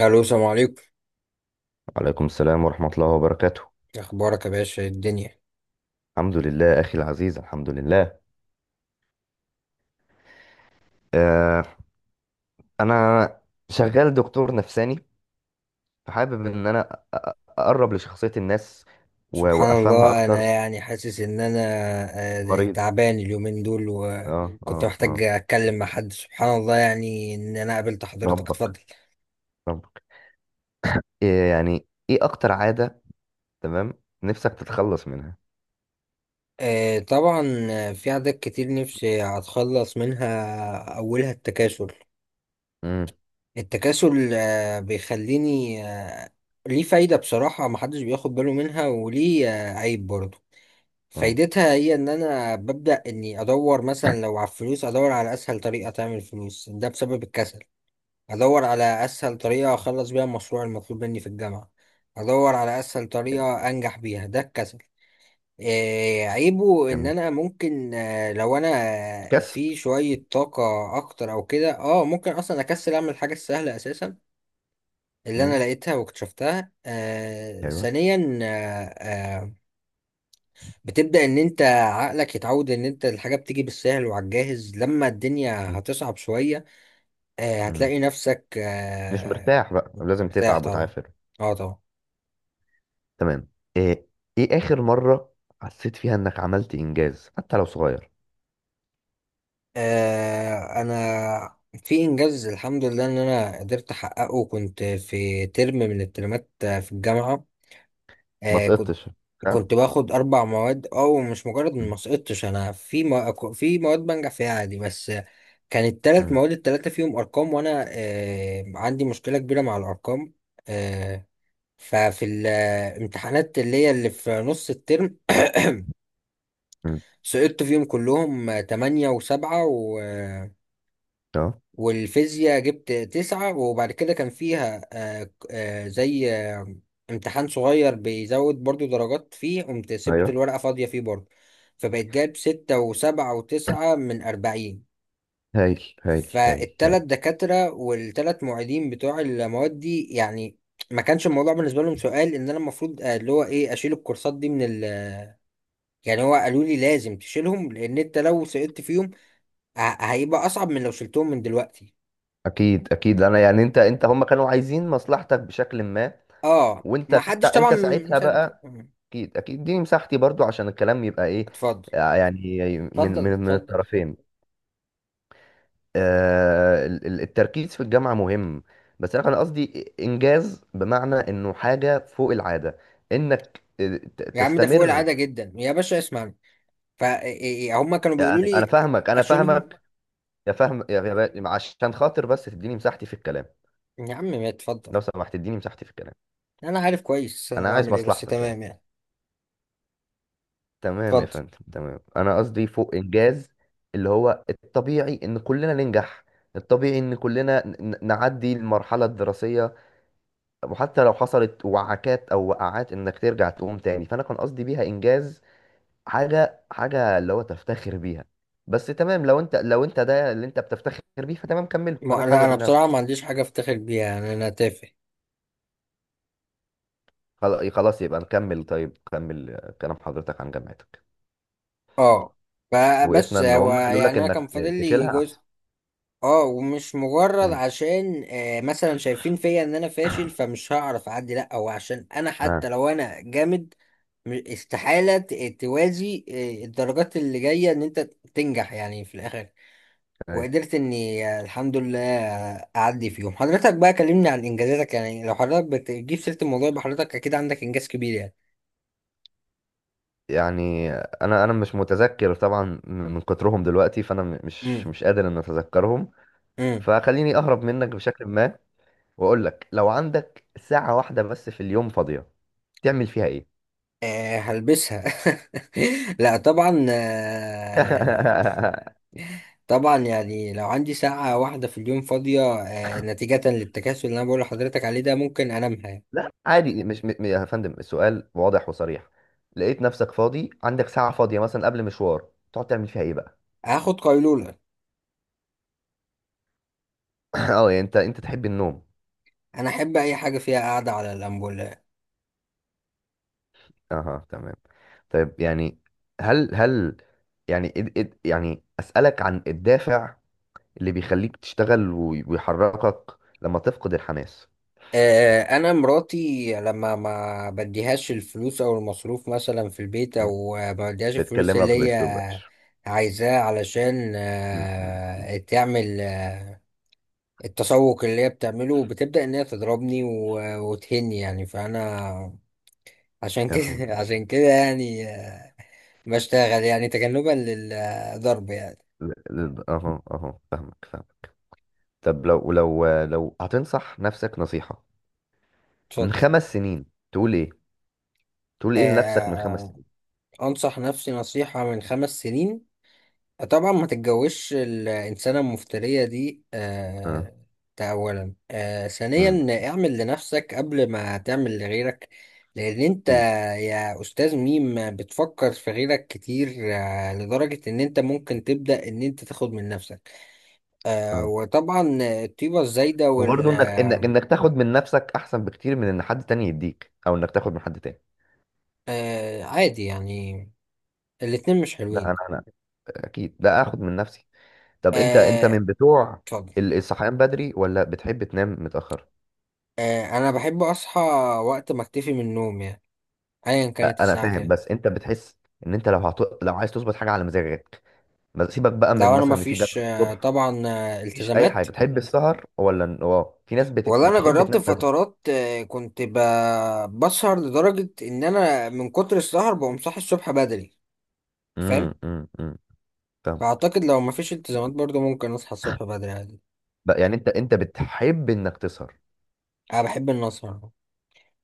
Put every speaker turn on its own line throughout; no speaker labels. الو السلام عليكم.
وعليكم السلام ورحمة الله وبركاته.
إيه اخبارك يا باشا؟ إيه الدنيا؟
الحمد لله أخي العزيز، الحمد لله. آه أنا شغال دكتور نفساني، فحابب إن أنا أقرب لشخصية الناس
سبحان
وأفهمها
الله، انا
أكتر.
يعني حاسس ان انا
مريض؟
تعبان اليومين دول،
آه
وكنت
آه
محتاج
آه.
اتكلم مع حد. سبحان الله يعني ان انا قابلت حضرتك.
ربك،
اتفضل.
ربك. إيه يعني، إيه أكتر عادة، تمام، نفسك تتخلص منها؟
آه، طبعا آه، في عادات كتير نفسي اتخلص منها، اولها التكاسل.
امم
التكاسل بيخليني ليه فايدة بصراحة، محدش بياخد باله منها، وليه عيب برضه.
آه،
فايدتها هي ان انا ببدأ اني ادور مثلا لو على الفلوس، ادور على اسهل طريقة تعمل فلوس، ده بسبب الكسل. ادور على اسهل طريقة اخلص بيها المشروع المطلوب مني في الجامعة. ادور على اسهل
جميل.
طريقة انجح بيها، ده الكسل. إيه عيبه؟ ان
جميل.
انا ممكن لو انا
كسل.
في شوية طاقة اكتر او كده ممكن اصلا اكسل اعمل الحاجة السهلة اساسا اللي انا
امم
لقيتها واكتشفتها.
أيوه.
ثانيا بتبدأ ان انت عقلك يتعود ان انت الحاجة بتيجي بالسهل وعلى الجاهز. لما الدنيا
مم.
هتصعب شوية
مم.
هتلاقي نفسك
مش مرتاح بقى، لازم
مرتاح
تتعب
طبعا.
وتعافر.
اه طبعا.
تمام. ايه، ايه اخر مرة حسيت فيها انك عملت انجاز حتى لو صغير؟
انا في انجاز الحمد لله ان انا قدرت احققه، كنت في ترم من الترمات في الجامعة.
ما
كنت
سقطتش؟ ها؟
باخد اربع مواد، او مش مجرد إني
مم.
ما سقطتش، انا في في مواد بنجح فيها عادي بس. كانت ثلاث
مم.
مواد، الثلاثه فيهم ارقام، وانا عندي مشكله كبيره مع الارقام. آه ففي الامتحانات اللي هي اللي في نص الترم
مم.
سقطت فيهم كلهم تمانية وسبعة.
اه.
والفيزياء جبت تسعة، وبعد كده كان فيها زي امتحان صغير بيزود برضو درجات فيه، قمت سبت
ايوه.
الورقة فاضية فيه برضو. فبقيت جايب ستة وسبعة وتسعة من 40.
هايل، هايل، هايل،
فالتلات
هايل.
دكاترة والتلات معيدين بتوع المواد دي، يعني ما كانش الموضوع بالنسبة لهم سؤال، إن أنا المفروض اللي هو إيه أشيل الكورسات دي من ال. يعني هو قالوا لي لازم تشيلهم، لأن أنت لو سقطت فيهم ه- هيبقى أصعب من لو شلتهم من دلوقتي.
اكيد، اكيد. انا يعني انت، انت هم كانوا عايزين مصلحتك بشكل ما.
اه،
وانت
ما
انت,
حدش طبعا
انت ساعتها
مصدق.
بقى، اكيد اكيد دي مساحتي برضو عشان الكلام يبقى ايه
اتفضل،
يعني من
اتفضل،
من من
اتفضل، اتفضل.
الطرفين. التركيز في الجامعة مهم، بس أنا قصدي إنجاز بمعنى إنه حاجة فوق العادة، إنك
يا عم ده فوق
تستمر.
العادة جدا يا باشا، اسمعني. فهم كانوا بيقولوا
يعني أنا
لي
فاهمك، أنا
اشيلهم.
فاهمك. يا فاهم يا با- عشان خاطر بس تديني مساحتي في الكلام.
يا عم ما اتفضل.
لو سمحت تديني مساحتي في الكلام.
انا عارف كويس انا
أنا عايز
بعمل ايه، بس
مصلحتك
تمام
يعني.
يعني.
تمام يا
اتفضل.
فندم، تمام. أنا قصدي فوق إنجاز، اللي هو الطبيعي إن كلنا ننجح. الطبيعي إن كلنا نعدي المرحلة الدراسية، وحتى لو حصلت وعكات او وقعات انك ترجع تقوم تاني. فانا كان قصدي بيها انجاز، حاجه اللي هو تفتخر بيها. بس تمام، لو انت ده اللي انت بتفتخر بيه فتمام، كمله.
ما،
انا
لا
حابب
انا
الناس.
بصراحة ما عنديش حاجة افتخر بيها، يعني انا تافه.
خلاص يبقى نكمل، طيب كمل كلام حضرتك عن جامعتك.
اه.
وقفنا
فبس
ان
هو
هم قالوا
يعني
لك
انا كان
انك
فاضل لي
تشيلها
جزء.
احسن.
اه، ومش مجرد
امم
عشان مثلا شايفين فيا ان انا فاشل فمش هعرف اعدي، لا هو عشان انا
اه.
حتى لو انا جامد استحالة توازي الدرجات اللي جاية ان انت تنجح يعني في الاخر.
أيوة.
وقدرت اني الحمد لله اعدي فيهم. حضرتك بقى كلمني عن انجازاتك يعني، لو حضرتك بتجيب سيرة الموضوع يبقى حضرتك اكيد عندك انجاز كبير يعني.
يعني انا انا مش متذكر طبعا من كترهم دلوقتي، فانا مش
امم
مش قادر ان اتذكرهم.
امم
فخليني اهرب منك بشكل ما واقول لك، لو عندك ساعة واحدة بس في اليوم فاضية تعمل فيها ايه؟
هلبسها. لا طبعا. طبعا يعني لو عندي ساعة واحدة في اليوم فاضية نتيجة للتكاسل اللي انا بقول لحضرتك عليه، ده ممكن انامها يعني.
لا عادي، مش م... م- يا فندم السؤال واضح وصريح. لقيت نفسك فاضي، عندك ساعة فاضية مثلا قبل مشوار، تقعد تعمل فيها ايه بقى؟
هاخد قيلولة.
اه، يعني انت انت تحب النوم.
انا احب اي حاجة فيها قاعدة على اللامبو.
اها، تمام. طيب يعني، هل يعني يعني اسألك عن الدافع اللي بيخليك تشتغل ويحركك لما تفقد الحماس.
انا مراتي لما ما بديهاش الفلوس او المصروف مثلا في البيت،
م.
او ما بديهاش الفلوس اللي
بتكلمك
هي
بأسلوب وحش.
عايزاه علشان
م.
تعمل التسوق اللي هي بتعمله، بتبدأ ان هي تضربني وتهني يعني. فانا عشان
لا حول.
كده عشان كده يعني بشتغل يعني تجنبا للضرب يعني.
اها، اها، فاهمك، فاهمك. طب لو لو هتنصح نفسك نصيحة من
اتفضل.
5 سنين، تقول ايه؟ تقول ايه لنفسك
آه،
من 5 سنين؟
آه، انصح نفسي نصيحة من 5 سنين؟ طبعا ما تتجوزش الإنسانة المفترية دي.
اه.
ده أولا.
امم
ثانيا، اعمل لنفسك قبل ما تعمل لغيرك، لأن أنت
اكيد.
يا أستاذ ميم بتفكر في غيرك كتير لدرجة إن أنت ممكن تبدأ إن أنت تاخد من نفسك.
اه،
وطبعا الطيبة الزايدة وال
وبرضه انك انك انك تاخد من نفسك احسن بكتير من ان حد تاني يديك او انك تاخد من حد تاني.
عادي يعني، الاتنين مش
لا
حلوين.
انا، انا اكيد لا اخد من نفسي. طب انت، انت
آه
من بتوع
اتفضل.
الصحيان بدري ولا بتحب تنام متأخر؟
أنا بحب أصحى وقت ما أكتفي من النوم يعني، أيا كانت
انا
الساعة
فاهم،
كام.
بس انت بتحس ان انت لو عايز تظبط حاجة على مزاجك، سيبك بقى
ده
من
انا
مثلا ان في
مفيش
جامعة الصبح،
طبعا
مفيش اي حاجه.
التزامات.
بتحب السهر ولا اه، في ناس
ولا انا
بتحب
جربت
تنام بدري.
فترات كنت بسهر لدرجة ان انا من كتر السهر بقوم صاحي الصبح بدري.
امم،
فاهم.
امم، أمم. فاهم.
فاعتقد لو مفيش التزامات برضو ممكن اصحى الصبح بدري عادي.
بقى يعني انت، انت بتحب انك تسهر.
انا بحب ان اسهر.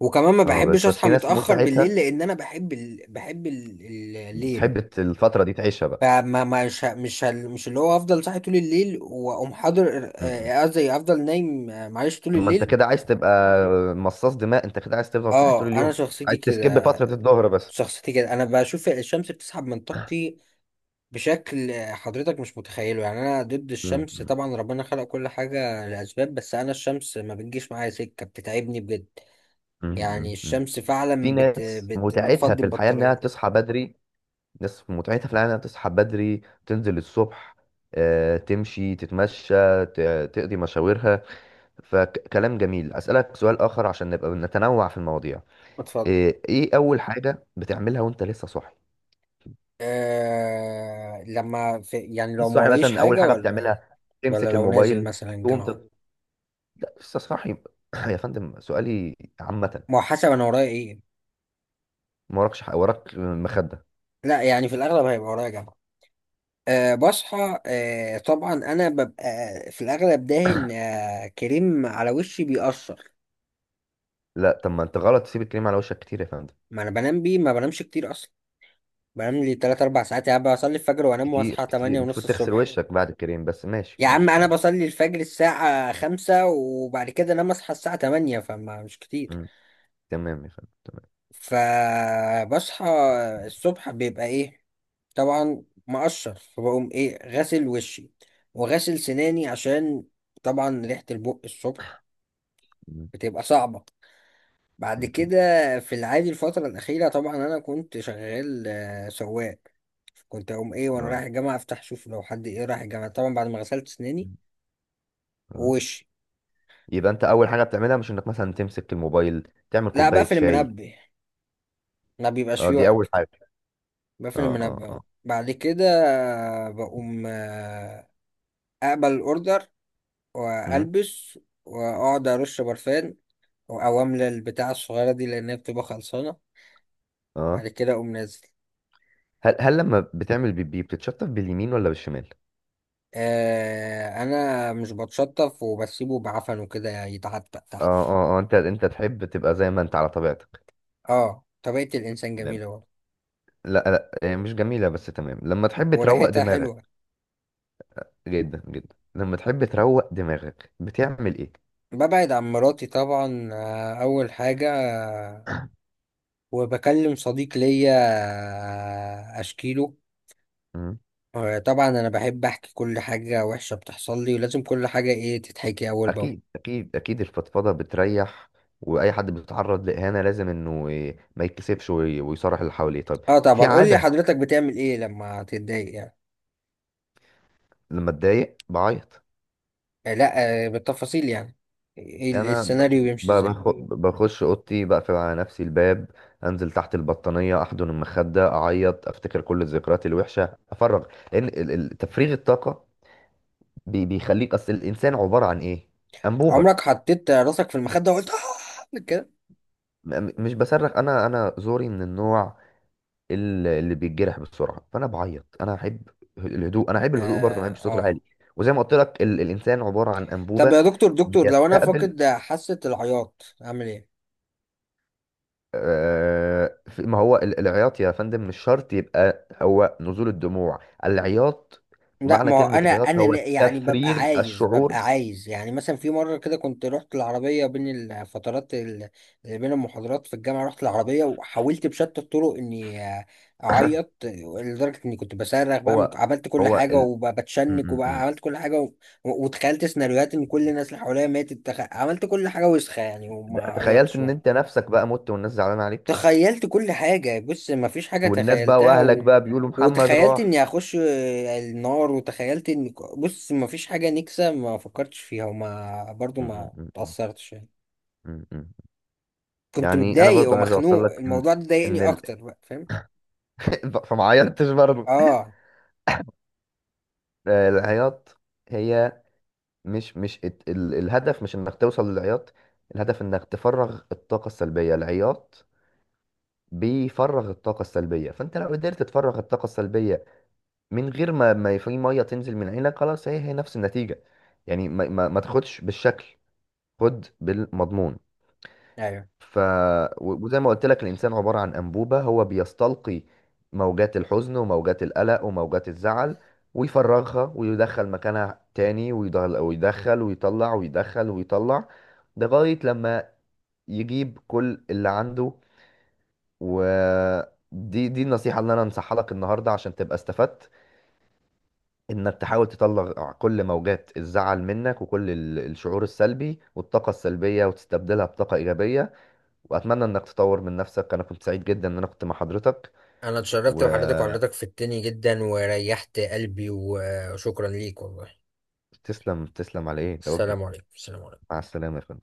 وكمان ما
اه،
بحبش
بس
اصحى
في ناس
متأخر بالليل،
متعتها
لان انا بحب الليل.
بتحب الفتره دي تعيشها بقى.
فما مش اللي هو افضل صاحي طول الليل واقوم حاضر،
امم.
قصدي افضل نايم معلش طول
طب ما انت
الليل.
كده عايز تبقى مصاص دماء، انت كده عايز تفضل صاحي طول
اه، انا
اليوم،
شخصيتي
عايز تسكيب
كده.
فتره الظهر بس.
شخصيتي كده، انا بشوف الشمس بتسحب من طاقتي بشكل حضرتك مش متخيله، يعني انا ضد
امم.
الشمس
أمم.
طبعا، ربنا خلق كل حاجة لأسباب، بس انا الشمس ما بتجيش معايا سكة، بتتعبني بجد. يعني
أمم. أمم.
الشمس
في
فعلا بت
ناس
بت
متعتها
بتفضي
في الحياه انها
البطارية
تصحى بدري، ناس متعتها في الحياه انها تصحى بدري، تنزل الصبح تمشي، تتمشى، تقضي مشاويرها. فكلام جميل. أسألك سؤال آخر عشان نبقى نتنوع في المواضيع.
بتفضي.
إيه أول حاجة بتعملها وأنت لسه صاحي؟
لما في يعني لو
لسه
ما
صاحي،
ورايش
مثلا أول
حاجة
حاجة
ولا.
بتعملها
ولا
تمسك
لو نازل
الموبايل،
مثلا
تقوم
جامعة.
تت... لا، لسه صاحي. يا فندم سؤالي عامة.
ما هو حسب انا ورايا ايه.
ما وراكش حق، وراك مخدة.
لا يعني في الاغلب هيبقى ورايا جامعة. أه بصحى، أه طبعا، انا ببقى في الاغلب داهن كريم على وشي بيأثر.
لا طب ما أنت غلط تسيب الكريم على وشك كتير يا فندم.
ما انا بنام بيه، ما بنامش كتير اصلا. بنام لي 3 4 ساعات يا عم، بصلي الفجر وانام
كتير،
واصحى
كتير.
8 ونص
المفروض تغسل
الصبح.
وشك بعد الكريم، بس ماشي،
يا عم
ماشي،
انا
ماشي.
بصلي الفجر الساعة 5 وبعد كده انام، اصحى الساعة 8، فما مش كتير.
مم. تمام يا فندم، تمام.
فبصحى الصبح، بيبقى ايه طبعا مقشر، فبقوم ايه غسل وشي وغسل سناني عشان طبعا ريحة البق الصبح
مم.
بتبقى صعبة. بعد
ممكن.
كده في العادي الفترة الأخيرة طبعا أنا كنت شغال سواق. كنت أقوم إيه وأنا رايح
اه.
الجامعة أفتح أشوف لو حد إيه رايح الجامعة، طبعا بعد ما غسلت أسناني
مم. اه،
ووشي.
يبقى انت اول حاجه بتعملها مش انك مثلا تمسك الموبايل تعمل
لا
كوبايه
بقفل
شاي.
المنبه، ما بيبقاش
اه
فيه
دي اول
وقت.
حاجه.
بقفل
اه،
المنبه
اه،
أهو،
اه.
بعد كده بقوم أقبل الأوردر،
مم.
وألبس، وأقعد أرش برفان، أو أملى البتاعة الصغيرة دي لأنها بتبقى خلصانة. بعد
اه.
كده أقوم نازل.
هل، هل لما بتعمل بيبي بتتشطف باليمين ولا بالشمال؟
انا مش بتشطف وبسيبه بعفن وكده يتعتق
اه،
تحت.
اه، اه. انت، انت تحب تبقى زي ما انت على طبيعتك.
اه، طبيعة الانسان
تمام.
جميلة برضه.
لا لا، هي مش جميله، بس تمام. لما تحب تروق
وريحتها
دماغك،
حلوة.
جدا، جدا. لما تحب تروق دماغك بتعمل ايه؟
ببعد عن مراتي طبعا، اول حاجة. وبكلم صديق ليا، اشكيله.
مم.
طبعا انا بحب احكي كل حاجة وحشة بتحصل لي، ولازم كل حاجة ايه تتحكي اول باول.
اكيد، اكيد، اكيد. الفضفضه بتريح. واي حد بيتعرض لاهانه لازم انه ما يتكسفش ويصارح اللي حواليه. طيب،
اه
في
طبعا. قول لي
عاده
حضرتك بتعمل ايه لما تتضايق يعني؟
لما اتضايق بعيط.
لا بالتفاصيل يعني، إيه
انا
السيناريو يمشي ازاي؟
بخش اوضتي، بقفل على نفسي الباب، انزل تحت البطانيه، احضن المخده، اعيط، افتكر كل الذكريات الوحشه، افرغ. لان تفريغ الطاقه بيخليك، اصل الانسان عباره عن ايه؟ انبوبه.
عمرك حطيت راسك في المخدة وقلت اه كده؟
مش بصرخ، انا انا زوري من النوع اللي بيتجرح بسرعه، فانا بعيط. انا احب الهدوء، انا احب الهدوء برضه، ما احبش
اه.
الصوت العالي. وزي ما قلت لك الانسان عباره عن
طب يا
انبوبه
دكتور دكتور، لو انا
بيستقبل.
فاقد حاسة العياط اعمل ايه؟
ما هو العياط يا فندم مش شرط يبقى هو نزول الدموع. العياط،
لا
معنى
ما هو
كلمة
انا
عياط
انا
هو
يعني ببقى
تفريغ
عايز ببقى
الشعور.
عايز يعني، مثلا في مره كده كنت رحت العربيه بين الفترات اللي بين المحاضرات في الجامعه، رحت العربيه وحاولت بشتى الطرق اني اعيط لدرجه اني كنت بصرخ بقى،
هو،
عملت كل
هو
حاجه
ال...
وبتشنك وبقى
م.
عملت كل حاجه و... وتخيلت سيناريوهات ان كل الناس اللي حواليا ماتت، عملت كل حاجه وسخه يعني وما
ده- تخيلت
عيطتش.
ان انت نفسك بقى مت والناس زعلانة عليك،
تخيلت كل حاجة، بص مفيش حاجة
والناس بقى
تخيلتها
واهلك
و...
بقى بيقولوا محمد
وتخيلت
راح.
اني هخش النار، وتخيلت ان بص مفيش حاجة نكسة ما فكرتش فيها، وما برضو
م-
ما
م- م-
تأثرتش يعني.
م.
كنت
يعني انا
متضايق
برضو عايز اوصل
ومخنوق،
لك ان،
الموضوع ده ضايقني
ان ال...
اكتر بقى، فاهم؟
فما عيطتش برضو
اه
العياط هي، مش الهدف مش انك توصل للعياط. الهدف انك تفرغ الطاقة السلبية. العياط بيفرغ الطاقة السلبية، فانت لو قدرت تفرغ الطاقة السلبية من غير ما في مية تنزل من عينك خلاص، هي نفس النتيجة. يعني ما, ما تاخدش بالشكل، خد بالمضمون.
ايوه.
ف وزي ما قلت لك الإنسان عبارة عن أنبوبة، هو بيستلقي موجات الحزن وموجات القلق وموجات الزعل، ويفرغها ويدخل مكانها تاني، ويدخل ويدخل ويطلع ويدخل ويطلع لغاية لما يجيب كل اللي عنده. ودي النصيحة اللي أنا أنصحها لك النهاردة عشان تبقى استفدت، إنك تحاول تطلع كل موجات الزعل منك وكل الشعور السلبي والطاقة السلبية وتستبدلها بطاقة إيجابية. واتمنى انك تطور من نفسك. انا كنت سعيد جدا ان انا كنت مع حضرتك.
انا اتشرفت بحضرتك،
وتسلم،
وحضرتك فدتني جدا وريحت قلبي وشكرا ليك والله.
تسلم على ايه، ده واجبي.
السلام عليكم، السلام عليكم.
مع السلامة يا فندم.